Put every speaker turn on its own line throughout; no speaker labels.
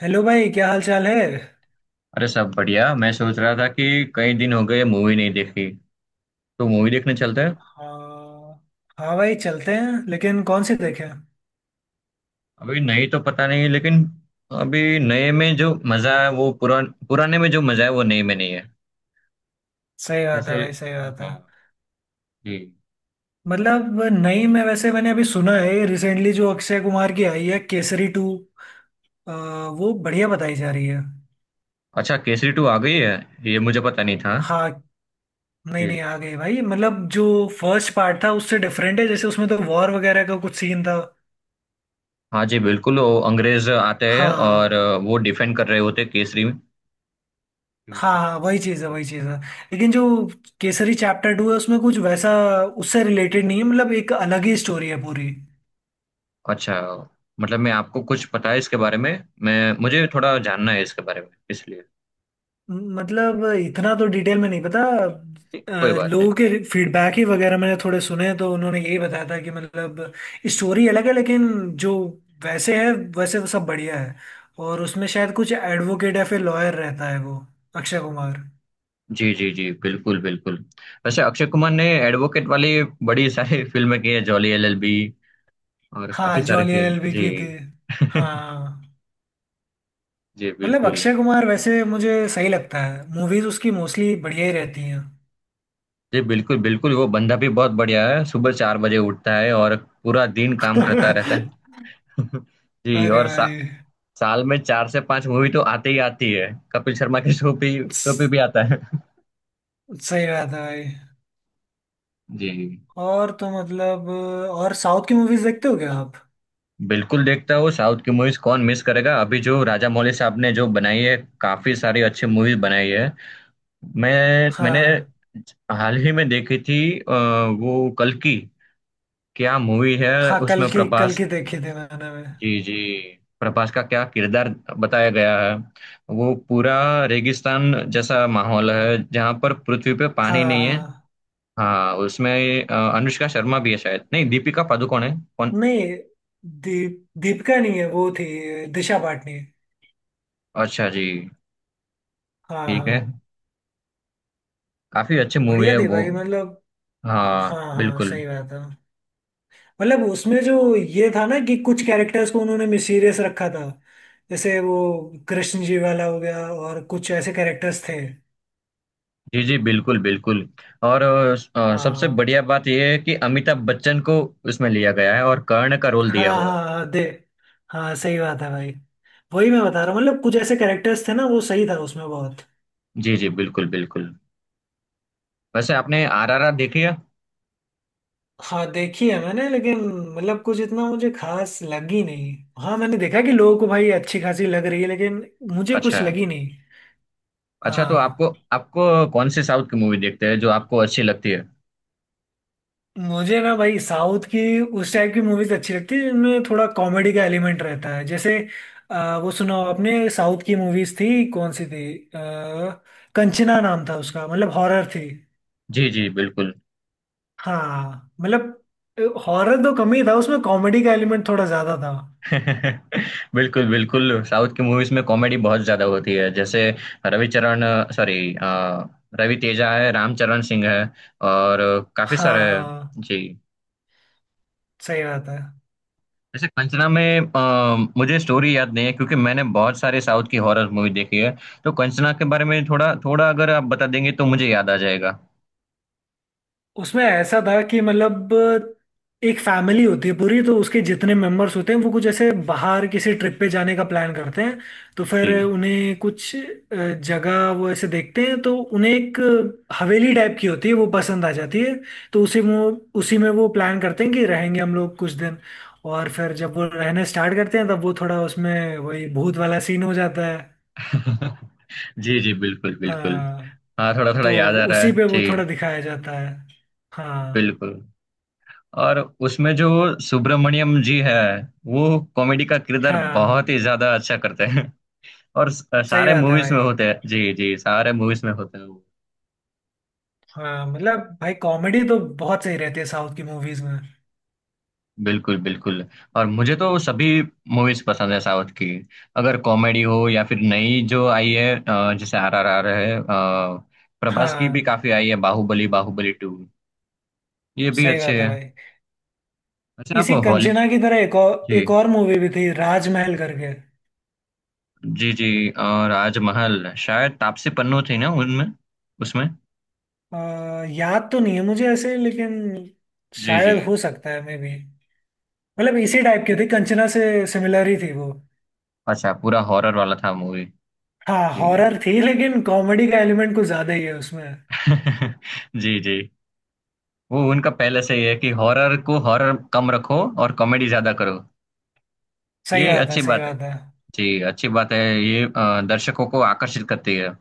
Hello भाई, क्या हाल चाल है।
अरे, सब बढ़िया। मैं सोच रहा था कि कई दिन हो गए मूवी नहीं देखी, तो मूवी देखने चलते हैं।
हाँ। हाँ भाई चलते हैं, लेकिन कौन सी देखें।
अभी नहीं तो पता नहीं, लेकिन अभी नए में जो मजा है वो पुराने में जो मजा है वो नए में नहीं है।
सही बात है
जैसे।
भाई, सही बात है।
हाँ। जी।
मतलब नई में वैसे मैंने अभी सुना है, रिसेंटली जो अक्षय कुमार की आई है केसरी टू, वो बढ़िया बताई जा रही है।
अच्छा, केसरी टू आ गई है। ये मुझे पता नहीं था।
हाँ। नहीं
जी।
नहीं आ गई भाई, मतलब जो फर्स्ट पार्ट था उससे डिफरेंट है। जैसे उसमें तो वॉर वगैरह का कुछ सीन था।
हाँ जी, बिल्कुल। वो अंग्रेज आते हैं और
हाँ।
वो डिफेंड कर रहे होते हैं केसरी में।
हाँ हाँ वही चीज़ है,
जी।
वही चीज़ है। लेकिन जो केसरी चैप्टर टू है उसमें कुछ वैसा उससे रिलेटेड नहीं है। मतलब एक अलग ही स्टोरी है पूरी।
अच्छा। मतलब मैं आपको कुछ पता है इसके बारे में? मैं मुझे थोड़ा जानना है इसके बारे में, इसलिए।
मतलब इतना तो डिटेल में नहीं पता।
ठीक, कोई बात नहीं।
लोगों के फीडबैक ही वगैरह मैंने थोड़े सुने, तो उन्होंने यही बताया था कि मतलब स्टोरी अलग है, लेकिन जो वैसे है, वैसे तो सब बढ़िया है। और उसमें शायद कुछ एडवोकेट या फिर लॉयर रहता है, वो अक्षय कुमार।
जी जी जी, बिल्कुल बिल्कुल। वैसे अक्षय कुमार ने एडवोकेट वाली बड़ी सारी फिल्में की है। जॉली एलएलबी और काफी
हाँ
सारे
जॉली
के।
एलएलबी
जी।
की थी। हाँ
जी
मतलब
बिल्कुल।
अक्षय कुमार वैसे मुझे सही लगता है। मूवीज उसकी मोस्टली बढ़िया ही रहती हैं।
जी, बिल्कुल बिल्कुल। वो बंदा भी बहुत बढ़िया है, सुबह चार बजे उठता है और पूरा दिन काम करता रहता है। जी।
अरे
और
भाई।
साल में चार से पांच मूवी तो आती ही आती है। कपिल शर्मा के शो पे
स-
भी आता है।
सही बात है भाई।
जी
और तो मतलब, और साउथ की मूवीज देखते हो क्या आप।
बिल्कुल, देखता हूँ साउथ की मूवीज। कौन मिस करेगा? अभी जो राजा मौली साहब ने जो बनाई है, काफी सारी अच्छी मूवीज बनाई है। मैंने
हाँ,
हाल ही में देखी थी वो कल्कि। क्या मूवी है!
हाँ
उसमें
कल
प्रभास।
की देखी थी मैंने भी।
जी जी, प्रभास का क्या किरदार बताया गया है। वो पूरा रेगिस्तान जैसा माहौल है जहाँ पर पृथ्वी पे
हाँ
पानी नहीं है।
हाँ
हाँ, उसमें अनुष्का शर्मा भी है शायद। नहीं, दीपिका पादुकोण है। कौन?
नहीं, दीपिका नहीं है। वो थी दिशा पाटनी।
अच्छा जी।
हाँ
ठीक
हाँ।
है, काफी अच्छी मूवी
बढ़िया
है
थी
वो।
भाई मतलब।
हाँ,
हाँ हाँ
बिल्कुल।
सही बात है। मतलब उसमें जो ये था ना कि कुछ कैरेक्टर्स को उन्होंने सीरियस रखा था, जैसे वो कृष्ण जी वाला हो गया, और कुछ ऐसे कैरेक्टर्स थे।
जी जी, बिल्कुल बिल्कुल। और सबसे
हाँ
बढ़िया बात यह है कि अमिताभ बच्चन को उसमें लिया गया है और कर्ण का रोल
हाँ
दिया हुआ है।
हाँ हाँ दे। हाँ सही बात है भाई। वही मैं बता रहा हूँ, मतलब कुछ ऐसे कैरेक्टर्स थे ना, वो सही था उसमें बहुत।
जी जी, बिल्कुल बिल्कुल। वैसे आपने आरआरआर देखी है?
हाँ देखी है मैंने, लेकिन मतलब कुछ इतना मुझे खास लगी नहीं। हाँ मैंने देखा कि लोगों को भाई अच्छी खासी लग रही है, लेकिन मुझे
अच्छा
कुछ
है।
लगी नहीं।
अच्छा तो
हाँ
आपको, आपको कौन सी साउथ की मूवी देखते हैं जो आपको अच्छी लगती है?
मुझे ना भाई साउथ की उस टाइप की मूवीज अच्छी लगती है जिनमें थोड़ा कॉमेडी का एलिमेंट रहता है। जैसे वो सुनाओ, अपने साउथ की मूवीज थी कौन सी थी। आ, कंचना नाम था उसका, मतलब हॉरर थी।
जी जी, बिल्कुल।
हाँ मतलब हॉरर तो कम ही था, उसमें कॉमेडी का एलिमेंट थोड़ा ज्यादा था।
बिल्कुल बिल्कुल, साउथ की मूवीज में कॉमेडी बहुत ज्यादा होती है, जैसे रविचरण, सॉरी, रवि तेजा है, रामचरण सिंह है और काफी
हाँ
सारे हैं।
हाँ
जी।
सही बात है।
वैसे कंचना में मुझे स्टोरी याद नहीं है, क्योंकि मैंने बहुत सारे साउथ की हॉरर मूवी देखी है। तो कंचना के बारे में थोड़ा थोड़ा अगर आप बता देंगे तो मुझे याद आ जाएगा।
उसमें ऐसा था कि मतलब एक फैमिली होती है पूरी, तो उसके जितने मेंबर्स होते हैं वो कुछ ऐसे बाहर किसी ट्रिप पे जाने का प्लान करते हैं। तो फिर
जी।
उन्हें कुछ जगह वो ऐसे देखते हैं, तो उन्हें एक हवेली टाइप की होती है वो पसंद आ जाती है। तो उसी वो उसी में वो प्लान करते हैं कि रहेंगे हम लोग कुछ दिन। और फिर जब वो रहने स्टार्ट करते हैं तब वो थोड़ा उसमें वही भूत वाला सीन हो जाता है।
जी जी, बिल्कुल बिल्कुल।
हाँ।
हाँ, थोड़ा थोड़ा
तो
याद आ रहा
उसी
है
पे
जी।
वो थोड़ा दिखाया जाता है। हाँ
बिल्कुल। और उसमें जो सुब्रमण्यम जी है वो कॉमेडी का किरदार बहुत
हाँ
ही ज्यादा अच्छा करते हैं। और
सही
सारे
बात है
मूवीज
भाई।
में होते हैं, जी जी, सारे मूवीज में होते हैं वो।
हाँ मतलब भाई कॉमेडी तो बहुत सही रहती है साउथ की मूवीज में।
बिल्कुल बिल्कुल। और मुझे तो सभी मूवीज पसंद है साउथ की। अगर कॉमेडी हो या फिर नई जो आई है, जैसे आर आर आर है। प्रभास की भी
हाँ
काफी आई है, बाहुबली, बाहुबली टू, ये भी
सही बात
अच्छे
है
हैं।
भाई।
अच्छा, आप
इसी
हॉली।
कंचना की तरह
जी
एक और मूवी भी थी, राजमहल करके।
जी जी। और राजमहल शायद तापसी पन्नू थी ना उनमें, उसमें।
याद तो नहीं है मुझे ऐसे, लेकिन
जी जी।
शायद हो सकता है, मे बी। मतलब इसी टाइप की थी कंचना से, सिमिलर ही थी वो।
अच्छा, पूरा हॉरर वाला था मूवी।
हाँ
जी।
हॉरर थी, लेकिन कॉमेडी का एलिमेंट कुछ ज्यादा ही है उसमें।
जी जी। वो उनका पहले से ही है कि हॉरर को हॉरर कम रखो और कॉमेडी ज्यादा करो।
सही
ये
बात है,
अच्छी
सही
बात है।
बात है।
जी, अच्छी बात है ये। दर्शकों को आकर्षित करती है।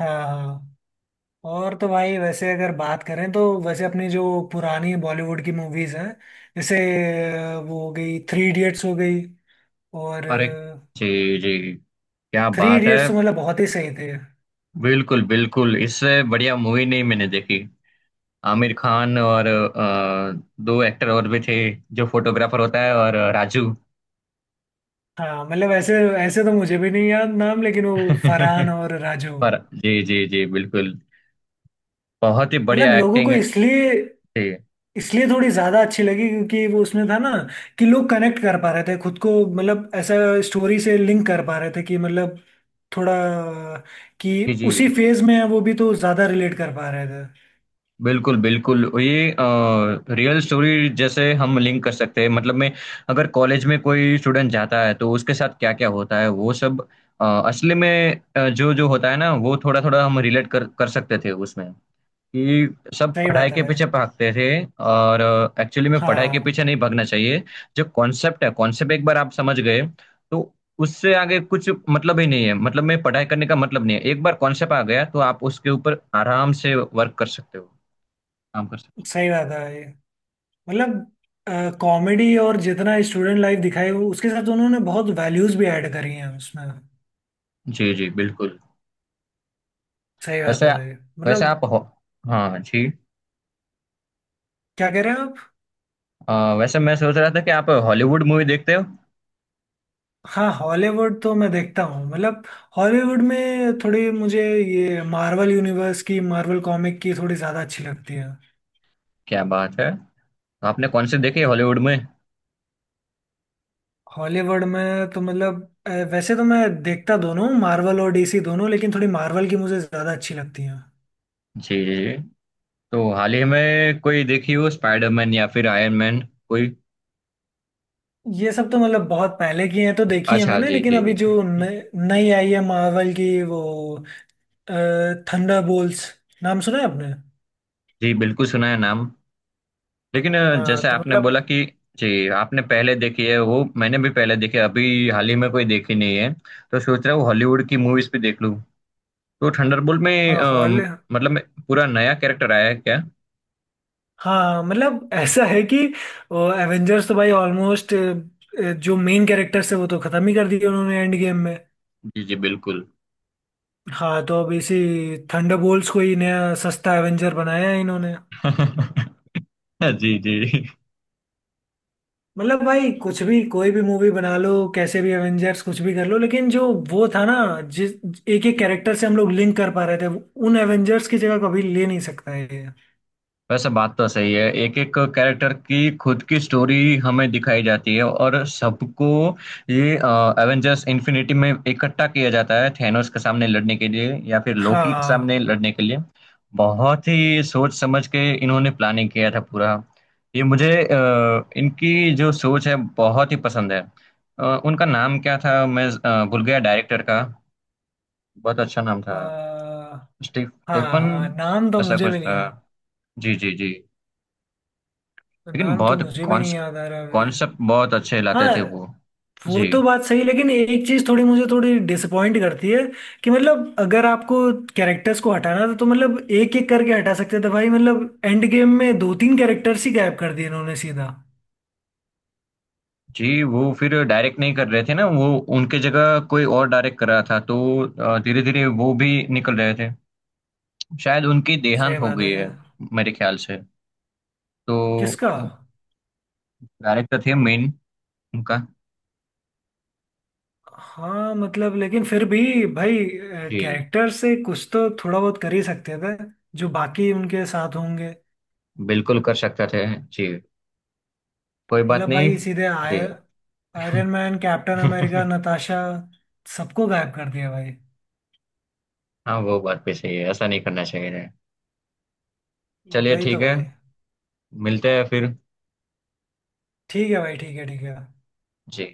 हाँ हाँ। और तो भाई वैसे अगर बात करें तो वैसे अपनी जो पुरानी बॉलीवुड की मूवीज हैं, जैसे वो हो गई थ्री इडियट्स हो गई। और
अरे, जी जी, क्या
थ्री
बात है।
इडियट्स तो मतलब बहुत ही सही थे।
बिल्कुल बिल्कुल, इससे बढ़िया मूवी नहीं मैंने देखी। आमिर खान और दो एक्टर और भी थे, जो फोटोग्राफर होता है, और राजू।
हाँ मतलब ऐसे ऐसे तो मुझे भी नहीं याद नाम, लेकिन वो फरहान और राजू।
पर जी जी जी, बिल्कुल, बहुत ही
मतलब
बढ़िया
लोगों
एक्टिंग।
को इसलिए
जी
इसलिए थोड़ी ज्यादा अच्छी लगी क्योंकि वो उसमें था ना कि लोग कनेक्ट कर पा रहे थे खुद को। मतलब ऐसा स्टोरी से लिंक कर पा रहे थे कि मतलब थोड़ा कि
जी जी,
उसी फेज में है वो भी, तो ज्यादा रिलेट कर पा रहे थे।
बिल्कुल बिल्कुल। ये रियल स्टोरी जैसे हम लिंक कर सकते हैं, मतलब मैं अगर कॉलेज में कोई स्टूडेंट जाता है तो उसके साथ क्या क्या होता है वो सब असली में जो जो होता है ना, वो थोड़ा थोड़ा हम रिलेट कर कर सकते थे उसमें। कि सब
सही
पढ़ाई
बात है
के
भाई।
पीछे भागते थे, और एक्चुअली में पढ़ाई के पीछे
हाँ
नहीं भागना चाहिए। जो कॉन्सेप्ट है, कॉन्सेप्ट एक बार आप समझ गए तो उससे आगे कुछ मतलब ही नहीं है। मतलब मैं पढ़ाई करने का मतलब नहीं है, एक बार कॉन्सेप्ट आ गया तो आप उसके ऊपर आराम से वर्क कर सकते हो, काम कर सकते।
सही बात है भाई। मतलब कॉमेडी और जितना स्टूडेंट लाइफ दिखाई उसके साथ उन्होंने बहुत वैल्यूज भी ऐड करी हैं उसमें।
जी जी, बिल्कुल।
सही बात है
वैसे
भाई।
वैसे
मतलब
आप हो हाँ जी।
क्या कह रहे हैं आप।
अ, वैसे मैं सोच रहा था कि आप हॉलीवुड मूवी देखते हो।
हाँ हॉलीवुड तो मैं देखता हूँ, मतलब हॉलीवुड में थोड़ी मुझे ये मार्वल यूनिवर्स की मार्वल कॉमिक की थोड़ी ज़्यादा अच्छी लगती है।
क्या बात है! तो आपने कौन सी देखी है हॉलीवुड में?
हॉलीवुड में तो मतलब वैसे तो मैं देखता दोनों हूँ, मार्वल और डीसी दोनों, लेकिन थोड़ी मार्वल की मुझे ज़्यादा अच्छी लगती है।
जी जी जी। तो हाल ही में कोई देखी हो स्पाइडरमैन या फिर आयरन मैन कोई?
ये सब तो मतलब बहुत पहले की हैं, तो देखी है
अच्छा
मैंने।
जी
लेकिन
जी
अभी
जी।
जो नई आई है मार्वल की, वो थंडरबोल्ट्स, नाम सुना है आपने।
जी बिल्कुल, सुना है नाम। लेकिन
हाँ
जैसे
तो
आपने
मतलब।
बोला कि जी आपने पहले देखी है वो मैंने भी पहले देखी है। अभी हाल ही में कोई देखी नहीं है, तो सोच रहा हूँ हॉलीवुड की मूवीज भी देख लूँ। तो थंडरबोल्ट में
हाँ
मतलब में पूरा नया कैरेक्टर आया है क्या?
हाँ मतलब ऐसा है कि एवेंजर्स तो भाई ऑलमोस्ट जो मेन कैरेक्टर्स है वो तो खत्म ही कर दिए उन्होंने एंड गेम में।
जी जी, बिल्कुल।
हाँ तो अब इसी थंडरबोल्ट्स को ही नया सस्ता एवेंजर बनाया है इन्होंने।
जी जी।
मतलब भाई कुछ भी कोई भी मूवी बना लो, कैसे भी एवेंजर्स कुछ भी कर लो, लेकिन जो वो था ना जिस एक एक कैरेक्टर से हम लोग लिंक कर पा रहे थे, उन एवेंजर्स की जगह कभी ले नहीं सकता है ये।
वैसे बात तो सही है, एक एक कैरेक्टर की खुद की स्टोरी हमें दिखाई जाती है और सबको ये एवेंजर्स इन्फिनिटी में इकट्ठा किया जाता है थैनोस के सामने लड़ने के लिए या फिर लोकी के सामने
हाँ।
लड़ने के लिए। बहुत ही सोच समझ के इन्होंने प्लानिंग किया था पूरा। ये मुझे इनकी जो सोच है बहुत ही पसंद है। उनका नाम क्या था? मैं भूल गया डायरेक्टर का। बहुत अच्छा नाम था।
अ,
स्टीफ
हाँ
स्टेफन
हाँ नाम तो
ऐसा
मुझे
कुछ
भी नहीं
था।
याद।
जी जी जी। लेकिन
नाम तो
बहुत
मुझे भी नहीं याद आ रहा अभी।
कॉन्सेप्ट बहुत अच्छे लाते
हाँ।
थे वो।
वो
जी
तो बात सही, लेकिन एक चीज थोड़ी मुझे थोड़ी डिसअपॉइंट करती है कि मतलब अगर आपको कैरेक्टर्स को हटाना था तो मतलब एक एक करके हटा सकते थे भाई। मतलब एंड गेम में दो तीन कैरेक्टर्स ही गायब कर दिए इन्होंने सीधा।
जी, वो फिर डायरेक्ट नहीं कर रहे थे ना वो, उनके जगह कोई और डायरेक्ट कर रहा था, तो धीरे धीरे वो भी निकल रहे थे। शायद उनकी देहांत
सही
हो
बात
गई
है
है मेरे ख्याल से। तो
किसका।
डायरेक्टर थे मेन उनका।
हाँ मतलब लेकिन फिर भी भाई
जी,
कैरेक्टर से कुछ तो थोड़ा बहुत कर ही सकते थे, जो बाकी उनके साथ होंगे।
बिल्कुल कर सकते थे। जी, कोई बात
मतलब
नहीं।
भाई सीधे
जी।
Iron Man, Captain America, Natasha, सबको गायब कर दिया भाई।
हाँ, वो बात भी सही है, ऐसा नहीं करना चाहिए। चलिए
वही
ठीक
तो
है,
भाई।
मिलते हैं फिर।
ठीक है भाई, ठीक है, ठीक है।
जी।